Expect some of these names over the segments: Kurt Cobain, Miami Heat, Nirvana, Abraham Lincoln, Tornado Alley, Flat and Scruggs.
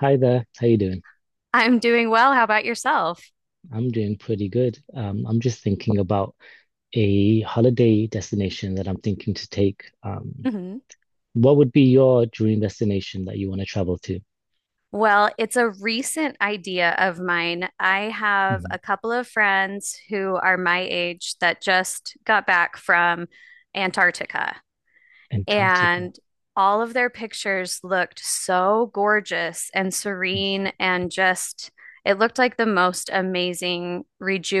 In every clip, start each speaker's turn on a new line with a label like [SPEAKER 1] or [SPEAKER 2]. [SPEAKER 1] Hi there. How you doing?
[SPEAKER 2] I'm doing well. How about yourself?
[SPEAKER 1] I'm doing pretty good. I'm just thinking about a holiday destination that I'm thinking to take.
[SPEAKER 2] Hmm
[SPEAKER 1] What would be your dream destination that you want to travel to?
[SPEAKER 2] Well, it's a recent idea of mine. I have
[SPEAKER 1] Mhm.
[SPEAKER 2] a couple of friends who are my age that just got back from Antarctica,
[SPEAKER 1] Antarctica.
[SPEAKER 2] and all of their pictures looked so gorgeous and serene and just it looked like the most amazing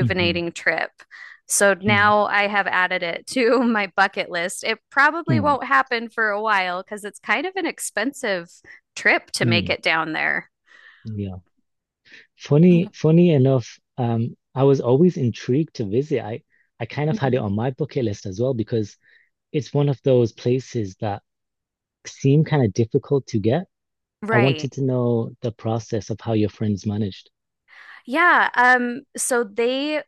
[SPEAKER 1] Mm-hmm.
[SPEAKER 2] trip. So
[SPEAKER 1] Mm.
[SPEAKER 2] now I have added it to my bucket list. It probably
[SPEAKER 1] Mm.
[SPEAKER 2] won't happen for a while because it's kind of an expensive trip to make
[SPEAKER 1] Mm.
[SPEAKER 2] it down there.
[SPEAKER 1] Yeah. Funny enough, I was always intrigued to visit. I kind of had it
[SPEAKER 2] Mhm.
[SPEAKER 1] on my bucket list as well because it's one of those places that seem kind of difficult to get. I
[SPEAKER 2] Right.
[SPEAKER 1] wanted to know the process of how your friends managed.
[SPEAKER 2] Yeah, so they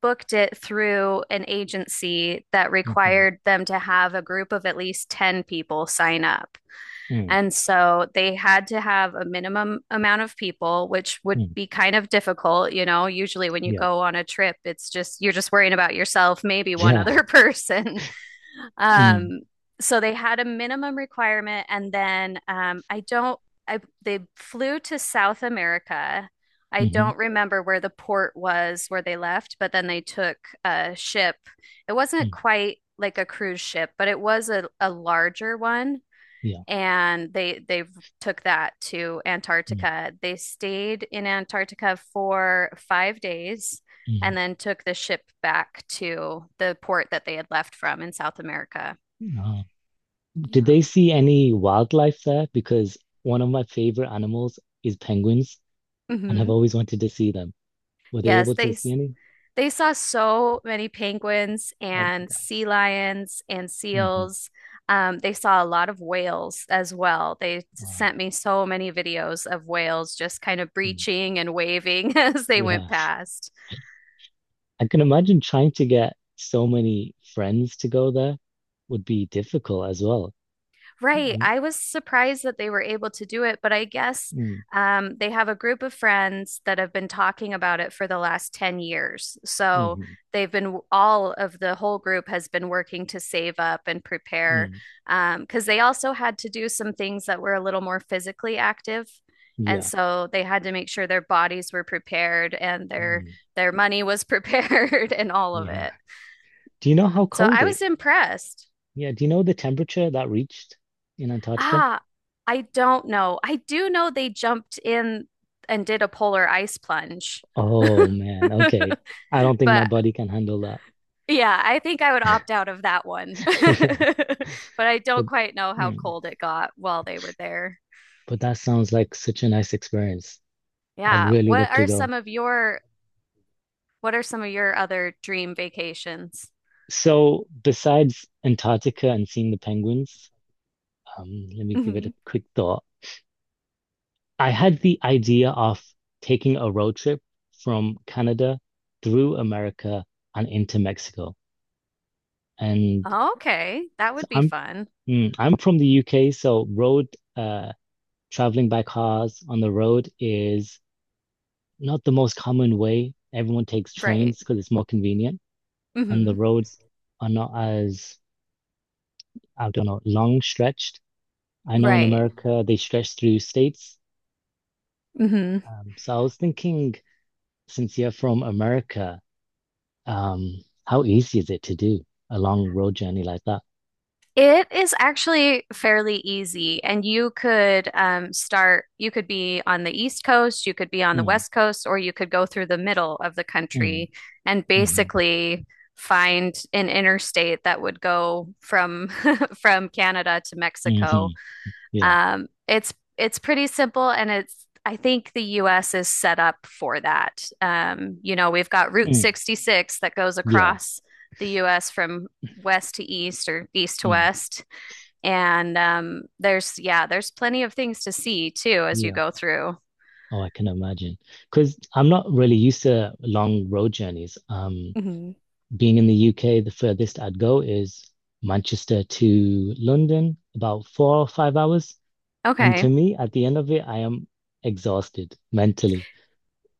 [SPEAKER 2] booked it through an agency that
[SPEAKER 1] Hmm.
[SPEAKER 2] required them to have a group of at least 10 people sign up.
[SPEAKER 1] Mm.
[SPEAKER 2] And so they had to have a minimum amount of people, which would
[SPEAKER 1] Mm.
[SPEAKER 2] be kind of difficult. You know, usually when you
[SPEAKER 1] Yeah,
[SPEAKER 2] go on a trip, it's just you're just worrying about yourself, maybe one
[SPEAKER 1] yeah.
[SPEAKER 2] other person.
[SPEAKER 1] Mm.
[SPEAKER 2] Um, so they had a minimum requirement, and then I don't. I they flew to South America. I
[SPEAKER 1] Hmm.
[SPEAKER 2] don't remember where the port was where they left, but then they took a ship. It wasn't
[SPEAKER 1] Mm.
[SPEAKER 2] quite like a cruise ship, but it was a larger one,
[SPEAKER 1] Yeah.
[SPEAKER 2] and they took that to
[SPEAKER 1] Mm.
[SPEAKER 2] Antarctica. They stayed in Antarctica for 5 days
[SPEAKER 1] Mm.
[SPEAKER 2] and then took the ship back to the port that they had left from in South America.
[SPEAKER 1] Uh, did
[SPEAKER 2] Yeah.
[SPEAKER 1] they see any wildlife there? Because one of my favorite animals is penguins, and I've
[SPEAKER 2] hmm
[SPEAKER 1] always wanted to see them. Were they
[SPEAKER 2] Yes,
[SPEAKER 1] able to
[SPEAKER 2] they
[SPEAKER 1] see any?
[SPEAKER 2] they saw so many penguins
[SPEAKER 1] Oh my
[SPEAKER 2] and
[SPEAKER 1] God.
[SPEAKER 2] sea lions and
[SPEAKER 1] Hmm.
[SPEAKER 2] seals. They saw a lot of whales as well. They
[SPEAKER 1] Wow.
[SPEAKER 2] sent me so many videos of whales just kind of
[SPEAKER 1] Mm.
[SPEAKER 2] breaching and waving as they went
[SPEAKER 1] Yeah.
[SPEAKER 2] past.
[SPEAKER 1] I can imagine trying to get so many friends to go there would be difficult as well.
[SPEAKER 2] Right.
[SPEAKER 1] Um,
[SPEAKER 2] I was surprised that they were able to do it, but I guess
[SPEAKER 1] mm.
[SPEAKER 2] they have a group of friends that have been talking about it for the last 10 years. So
[SPEAKER 1] Mhm.
[SPEAKER 2] they've been, all of the whole group has been working to save up and prepare
[SPEAKER 1] Mm.
[SPEAKER 2] because they also had to do some things that were a little more physically active. And
[SPEAKER 1] Yeah.
[SPEAKER 2] so they had to make sure their bodies were prepared and their
[SPEAKER 1] Mm-hmm.
[SPEAKER 2] their money was prepared and all of
[SPEAKER 1] Yeah.
[SPEAKER 2] it.
[SPEAKER 1] Do you know how
[SPEAKER 2] So
[SPEAKER 1] cold
[SPEAKER 2] I
[SPEAKER 1] it?
[SPEAKER 2] was impressed.
[SPEAKER 1] Yeah. Do you know the temperature that reached in Antarctica?
[SPEAKER 2] Ah, I don't know. I do know they jumped in and did a polar ice plunge.
[SPEAKER 1] Oh man. Okay. I don't think my
[SPEAKER 2] But
[SPEAKER 1] body can handle that.
[SPEAKER 2] yeah, I think I would opt out of that one.
[SPEAKER 1] Yeah.
[SPEAKER 2] But I don't
[SPEAKER 1] But
[SPEAKER 2] quite know how
[SPEAKER 1] mm,
[SPEAKER 2] cold it got while they were there.
[SPEAKER 1] but that sounds like such a nice experience. I'd
[SPEAKER 2] Yeah.
[SPEAKER 1] really love to go.
[SPEAKER 2] What are some of your other dream vacations?
[SPEAKER 1] So besides Antarctica and seeing the penguins, let me give it a
[SPEAKER 2] Mhm.
[SPEAKER 1] quick thought. I had the idea of taking a road trip from Canada through America and into Mexico. And
[SPEAKER 2] Okay, that
[SPEAKER 1] so
[SPEAKER 2] would be
[SPEAKER 1] I'm
[SPEAKER 2] fun.
[SPEAKER 1] Mm, I'm from the UK, so road uh traveling by cars on the road is not the most common way. Everyone takes
[SPEAKER 2] Right.
[SPEAKER 1] trains because it's more convenient, and the
[SPEAKER 2] hmm
[SPEAKER 1] roads are not as, I don't know, long stretched. I know in
[SPEAKER 2] Right.
[SPEAKER 1] America they stretch through states.
[SPEAKER 2] Mm-hmm.
[SPEAKER 1] So I was thinking, since you're from America, um, how easy is it to do a long road journey like that?
[SPEAKER 2] It is actually fairly easy, and you could start. You could be on the East Coast, you could be on the
[SPEAKER 1] Mm.
[SPEAKER 2] West Coast, or you could go through the middle of the
[SPEAKER 1] Mm.
[SPEAKER 2] country and
[SPEAKER 1] Mm.
[SPEAKER 2] basically find an interstate that would go from from Canada to Mexico.
[SPEAKER 1] Mm. Yeah.
[SPEAKER 2] It's pretty simple, and it's I think the U.S. is set up for that. You know, we've got Route
[SPEAKER 1] Mm.
[SPEAKER 2] 66 that goes
[SPEAKER 1] Yeah.
[SPEAKER 2] across the U.S. from west to east or east to
[SPEAKER 1] Mm.
[SPEAKER 2] west, and there's yeah, there's plenty of things to see too as you
[SPEAKER 1] Yeah.
[SPEAKER 2] go through.
[SPEAKER 1] Oh, I can imagine. Because I'm not really used to long road journeys.
[SPEAKER 2] Mhm.
[SPEAKER 1] Being in the UK, the furthest I'd go is Manchester to London, about 4 or 5 hours. And
[SPEAKER 2] Okay.
[SPEAKER 1] to me, at the end of it, I am exhausted mentally.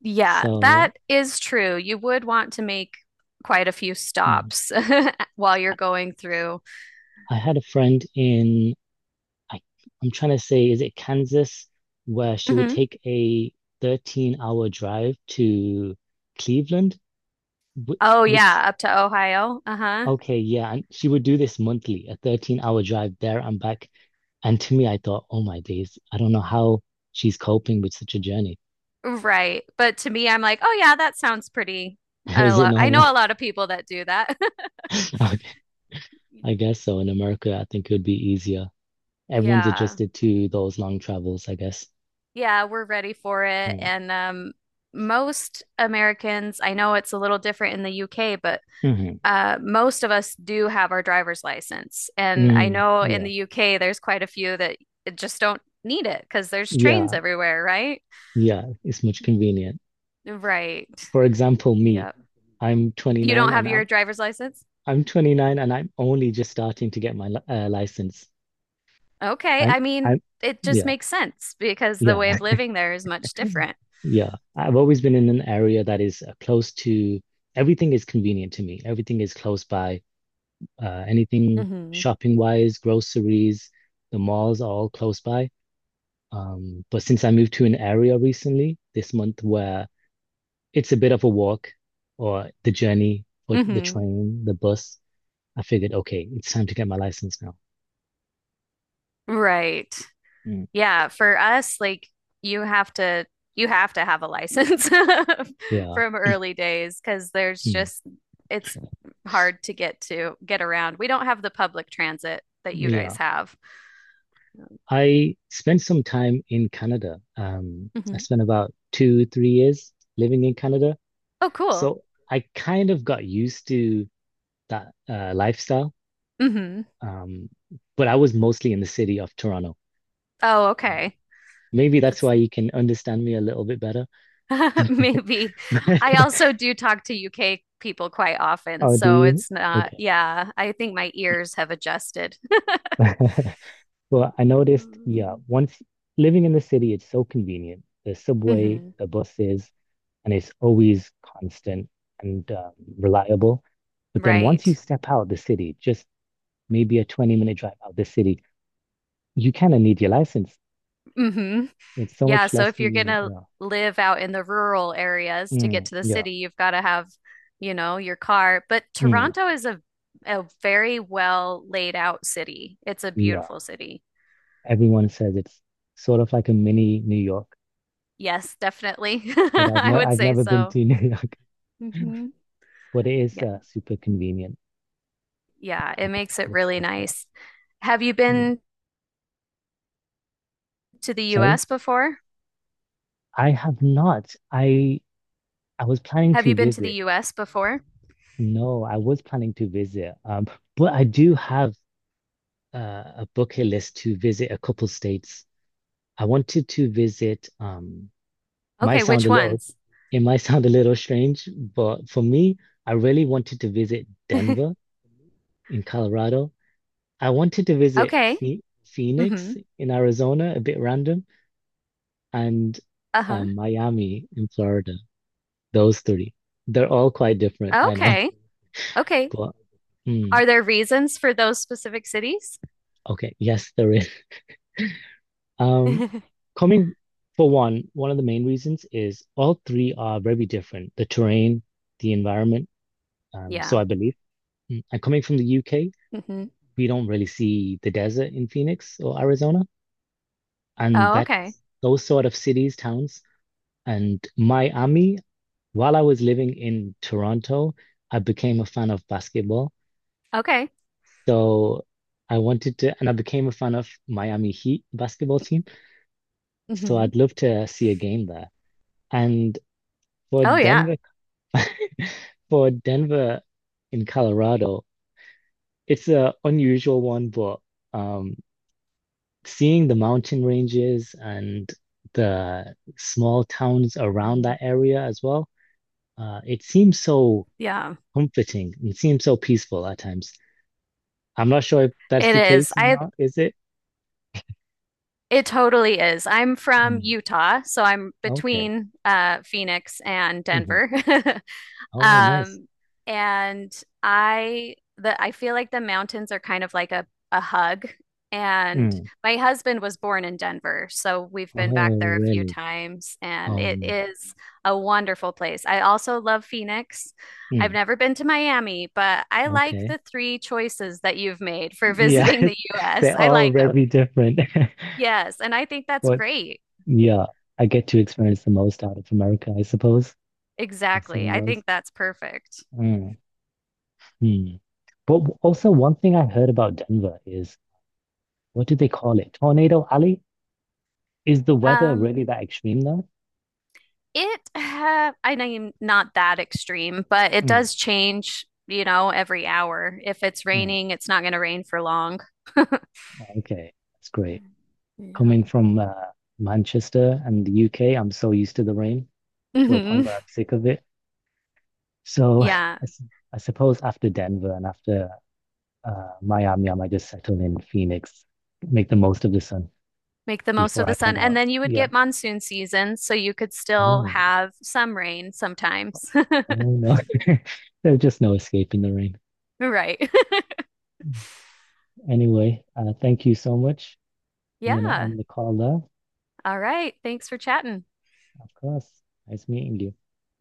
[SPEAKER 2] Yeah,
[SPEAKER 1] So
[SPEAKER 2] that is true. You would want to make quite a few
[SPEAKER 1] mm,
[SPEAKER 2] stops while you're going through.
[SPEAKER 1] I had a friend in, I, I'm trying to say, is it Kansas, where she would
[SPEAKER 2] Hmm
[SPEAKER 1] take a 13-hour drive to Cleveland, wh-
[SPEAKER 2] Oh,
[SPEAKER 1] which.
[SPEAKER 2] yeah, up to Ohio. Uh-huh.
[SPEAKER 1] Okay, yeah, and she would do this monthly, a 13-hour drive there and back. And to me, I thought, oh my days, I don't know how she's coping with such a journey.
[SPEAKER 2] Right. But to me, I'm like, oh yeah, that sounds pretty.
[SPEAKER 1] Is it
[SPEAKER 2] I
[SPEAKER 1] normal?
[SPEAKER 2] know a lot of people that do that.
[SPEAKER 1] Okay, I guess so. In America, I think it would be easier. Everyone's
[SPEAKER 2] Yeah.
[SPEAKER 1] adjusted to those long travels, I guess.
[SPEAKER 2] Yeah, we're ready for it.
[SPEAKER 1] Mm.
[SPEAKER 2] And Most Americans, I know it's a little different in the UK, but
[SPEAKER 1] Mhm.
[SPEAKER 2] most of us do have our driver's license. And I
[SPEAKER 1] Mm.
[SPEAKER 2] know in
[SPEAKER 1] Yeah,
[SPEAKER 2] the UK there's quite a few that just don't need it because there's trains
[SPEAKER 1] yeah,
[SPEAKER 2] everywhere, right?
[SPEAKER 1] yeah. It's much convenient.
[SPEAKER 2] Right.
[SPEAKER 1] For example, me,
[SPEAKER 2] Yep.
[SPEAKER 1] I'm
[SPEAKER 2] You
[SPEAKER 1] 29
[SPEAKER 2] don't
[SPEAKER 1] and
[SPEAKER 2] have your
[SPEAKER 1] I'm
[SPEAKER 2] driver's license?
[SPEAKER 1] I'm 29 and I'm only just starting to get my license.
[SPEAKER 2] Okay,
[SPEAKER 1] I'm
[SPEAKER 2] I mean,
[SPEAKER 1] I'm
[SPEAKER 2] it just
[SPEAKER 1] Yeah.
[SPEAKER 2] makes sense because the way
[SPEAKER 1] Yeah.
[SPEAKER 2] of living there is much different.
[SPEAKER 1] Yeah, I've always been in an area that is close to, everything is convenient to me. Everything is close by. Anything
[SPEAKER 2] Hmm
[SPEAKER 1] shopping wise, groceries, the malls are all close by. But since I moved to an area recently this month where it's a bit of a walk or the journey or the
[SPEAKER 2] hmm
[SPEAKER 1] train, the bus, I figured, okay, it's time to get my license now.
[SPEAKER 2] Right.
[SPEAKER 1] Mm.
[SPEAKER 2] Yeah, for us, like you have to you have to have a license
[SPEAKER 1] Yeah.
[SPEAKER 2] from early days because there's
[SPEAKER 1] Mm.
[SPEAKER 2] just it's hard to get around. We don't have the public transit that you
[SPEAKER 1] Yeah.
[SPEAKER 2] guys have.
[SPEAKER 1] I spent some time in Canada. I
[SPEAKER 2] Hmm
[SPEAKER 1] spent about 2, 3 years living in Canada.
[SPEAKER 2] Oh, cool.
[SPEAKER 1] So I kind of got used to that lifestyle.
[SPEAKER 2] hmm
[SPEAKER 1] Um, but I was mostly in the city of Toronto.
[SPEAKER 2] Oh, okay.
[SPEAKER 1] Maybe that's
[SPEAKER 2] That's
[SPEAKER 1] why you can understand me a little bit better.
[SPEAKER 2] maybe. I also do talk to UK people quite often,
[SPEAKER 1] Oh, do
[SPEAKER 2] so
[SPEAKER 1] you?
[SPEAKER 2] it's not,
[SPEAKER 1] Okay.
[SPEAKER 2] yeah, I think my ears have adjusted.
[SPEAKER 1] Well, I noticed, yeah, once living in the city, it's so convenient. The subway,
[SPEAKER 2] Hmm
[SPEAKER 1] the buses, and it's always constant and reliable. But then once you
[SPEAKER 2] Right.
[SPEAKER 1] step out the city, just maybe a 20-minute drive out the city, you kind of need your license.
[SPEAKER 2] hmm
[SPEAKER 1] It's so
[SPEAKER 2] Yeah,
[SPEAKER 1] much
[SPEAKER 2] so
[SPEAKER 1] less
[SPEAKER 2] if you're
[SPEAKER 1] convenient.
[SPEAKER 2] gonna
[SPEAKER 1] Yeah.
[SPEAKER 2] live out in the rural areas to get
[SPEAKER 1] Mm.
[SPEAKER 2] to the
[SPEAKER 1] Yeah.
[SPEAKER 2] city, you've got to have, you know, your car. But
[SPEAKER 1] Mm.
[SPEAKER 2] Toronto is a very well laid out city. It's a
[SPEAKER 1] Yeah.
[SPEAKER 2] beautiful city.
[SPEAKER 1] Everyone says it's sort of like a mini New York,
[SPEAKER 2] Yes, definitely.
[SPEAKER 1] but I've
[SPEAKER 2] I
[SPEAKER 1] never
[SPEAKER 2] would
[SPEAKER 1] I've
[SPEAKER 2] say
[SPEAKER 1] never been
[SPEAKER 2] so.
[SPEAKER 1] to New York,
[SPEAKER 2] Hmm
[SPEAKER 1] but it is
[SPEAKER 2] Yeah.
[SPEAKER 1] super convenient,
[SPEAKER 2] Yeah, it makes it
[SPEAKER 1] the
[SPEAKER 2] really
[SPEAKER 1] transport.
[SPEAKER 2] nice. Have you
[SPEAKER 1] Yeah.
[SPEAKER 2] been to the
[SPEAKER 1] Sorry?
[SPEAKER 2] US before?
[SPEAKER 1] I have not. I was planning
[SPEAKER 2] Have
[SPEAKER 1] to
[SPEAKER 2] you been to the
[SPEAKER 1] visit.
[SPEAKER 2] US before?
[SPEAKER 1] No, I was planning to visit. But I do have uh, a bucket list to visit a couple states. I wanted to visit, might
[SPEAKER 2] Okay,
[SPEAKER 1] sound
[SPEAKER 2] which
[SPEAKER 1] a little,
[SPEAKER 2] ones?
[SPEAKER 1] it might sound a little strange, but for me, I really wanted to visit Denver in Colorado. I wanted to visit
[SPEAKER 2] Okay.
[SPEAKER 1] Phe
[SPEAKER 2] Mm-hmm.
[SPEAKER 1] Phoenix in Arizona, a bit random, and
[SPEAKER 2] Uh-huh.
[SPEAKER 1] Miami in Florida. Those three. They're all quite different, I know.
[SPEAKER 2] Okay. Okay.
[SPEAKER 1] But mm,
[SPEAKER 2] Are there reasons for those specific cities?
[SPEAKER 1] okay, yes, there is. Um, Coming for one, one of the main reasons is all three are very different, the terrain, the environment, so
[SPEAKER 2] Yeah.
[SPEAKER 1] I believe. Mm. And coming from the UK,
[SPEAKER 2] hmm
[SPEAKER 1] we don't really see the desert in Phoenix or Arizona, and
[SPEAKER 2] Oh,
[SPEAKER 1] that's
[SPEAKER 2] okay.
[SPEAKER 1] those sort of cities, towns. And Miami, while I was living in Toronto, I became a fan of basketball.
[SPEAKER 2] Okay.
[SPEAKER 1] So I wanted to, and I became a fan of Miami Heat basketball team. So
[SPEAKER 2] hmm
[SPEAKER 1] I'd love to see a game there. And for
[SPEAKER 2] Oh, yeah.
[SPEAKER 1] Denver. For Denver in Colorado, it's a unusual one, but um, seeing the mountain ranges and the small towns around
[SPEAKER 2] hmm
[SPEAKER 1] that area as well, it seems so
[SPEAKER 2] Yeah.
[SPEAKER 1] comforting. It seems so peaceful at times. I'm not sure if that's
[SPEAKER 2] It
[SPEAKER 1] the
[SPEAKER 2] is.
[SPEAKER 1] case or
[SPEAKER 2] I
[SPEAKER 1] not, is it?
[SPEAKER 2] It totally is. I'm from
[SPEAKER 1] Mm.
[SPEAKER 2] Utah, so I'm
[SPEAKER 1] Okay.
[SPEAKER 2] between Phoenix and
[SPEAKER 1] Hmm.
[SPEAKER 2] Denver.
[SPEAKER 1] Oh, nice.
[SPEAKER 2] Um, and I the I feel like the mountains are kind of like a hug. And
[SPEAKER 1] Mm.
[SPEAKER 2] my husband was born in Denver, so we've been back
[SPEAKER 1] Oh,
[SPEAKER 2] there a few
[SPEAKER 1] really?
[SPEAKER 2] times, and
[SPEAKER 1] Oh,
[SPEAKER 2] it
[SPEAKER 1] man.
[SPEAKER 2] is a wonderful place. I also love Phoenix. I've
[SPEAKER 1] Mm.
[SPEAKER 2] never been to Miami, but I like
[SPEAKER 1] Okay.
[SPEAKER 2] the three choices that you've made for
[SPEAKER 1] Yeah,
[SPEAKER 2] visiting the US.
[SPEAKER 1] they're
[SPEAKER 2] I
[SPEAKER 1] all
[SPEAKER 2] like them.
[SPEAKER 1] very different.
[SPEAKER 2] Yes, and I think that's
[SPEAKER 1] But
[SPEAKER 2] great.
[SPEAKER 1] yeah, I get to experience the most out of America, I suppose. I've
[SPEAKER 2] Exactly.
[SPEAKER 1] seen
[SPEAKER 2] I
[SPEAKER 1] those.
[SPEAKER 2] think that's perfect.
[SPEAKER 1] Mm. Hmm. But also, one thing I heard about Denver is what do they call it? Tornado Alley? Is the weather really
[SPEAKER 2] Um,
[SPEAKER 1] that extreme though?
[SPEAKER 2] It I mean, not that extreme, but it
[SPEAKER 1] Mm.
[SPEAKER 2] does change, you know, every hour. If it's
[SPEAKER 1] Mm.
[SPEAKER 2] raining, it's not going to rain for long.
[SPEAKER 1] Okay, that's great.
[SPEAKER 2] Yeah.
[SPEAKER 1] Coming from Manchester and the UK, I'm so used to the rain to a point
[SPEAKER 2] hmm
[SPEAKER 1] where I'm sick of it. So
[SPEAKER 2] Yeah,
[SPEAKER 1] s- I suppose after Denver and after Miami, I might just settle in Phoenix, make the most of the sun
[SPEAKER 2] make the most of
[SPEAKER 1] before
[SPEAKER 2] the
[SPEAKER 1] I head
[SPEAKER 2] sun. And
[SPEAKER 1] out.
[SPEAKER 2] then you would
[SPEAKER 1] Yeah.
[SPEAKER 2] get monsoon season, so you could still
[SPEAKER 1] Oh,
[SPEAKER 2] have some rain sometimes.
[SPEAKER 1] oh no. There's just no escaping the rain.
[SPEAKER 2] Right.
[SPEAKER 1] Anyway, thank you so much. I'm going to
[SPEAKER 2] Yeah.
[SPEAKER 1] end the call there.
[SPEAKER 2] All right. Thanks for chatting.
[SPEAKER 1] Of course. Nice meeting you.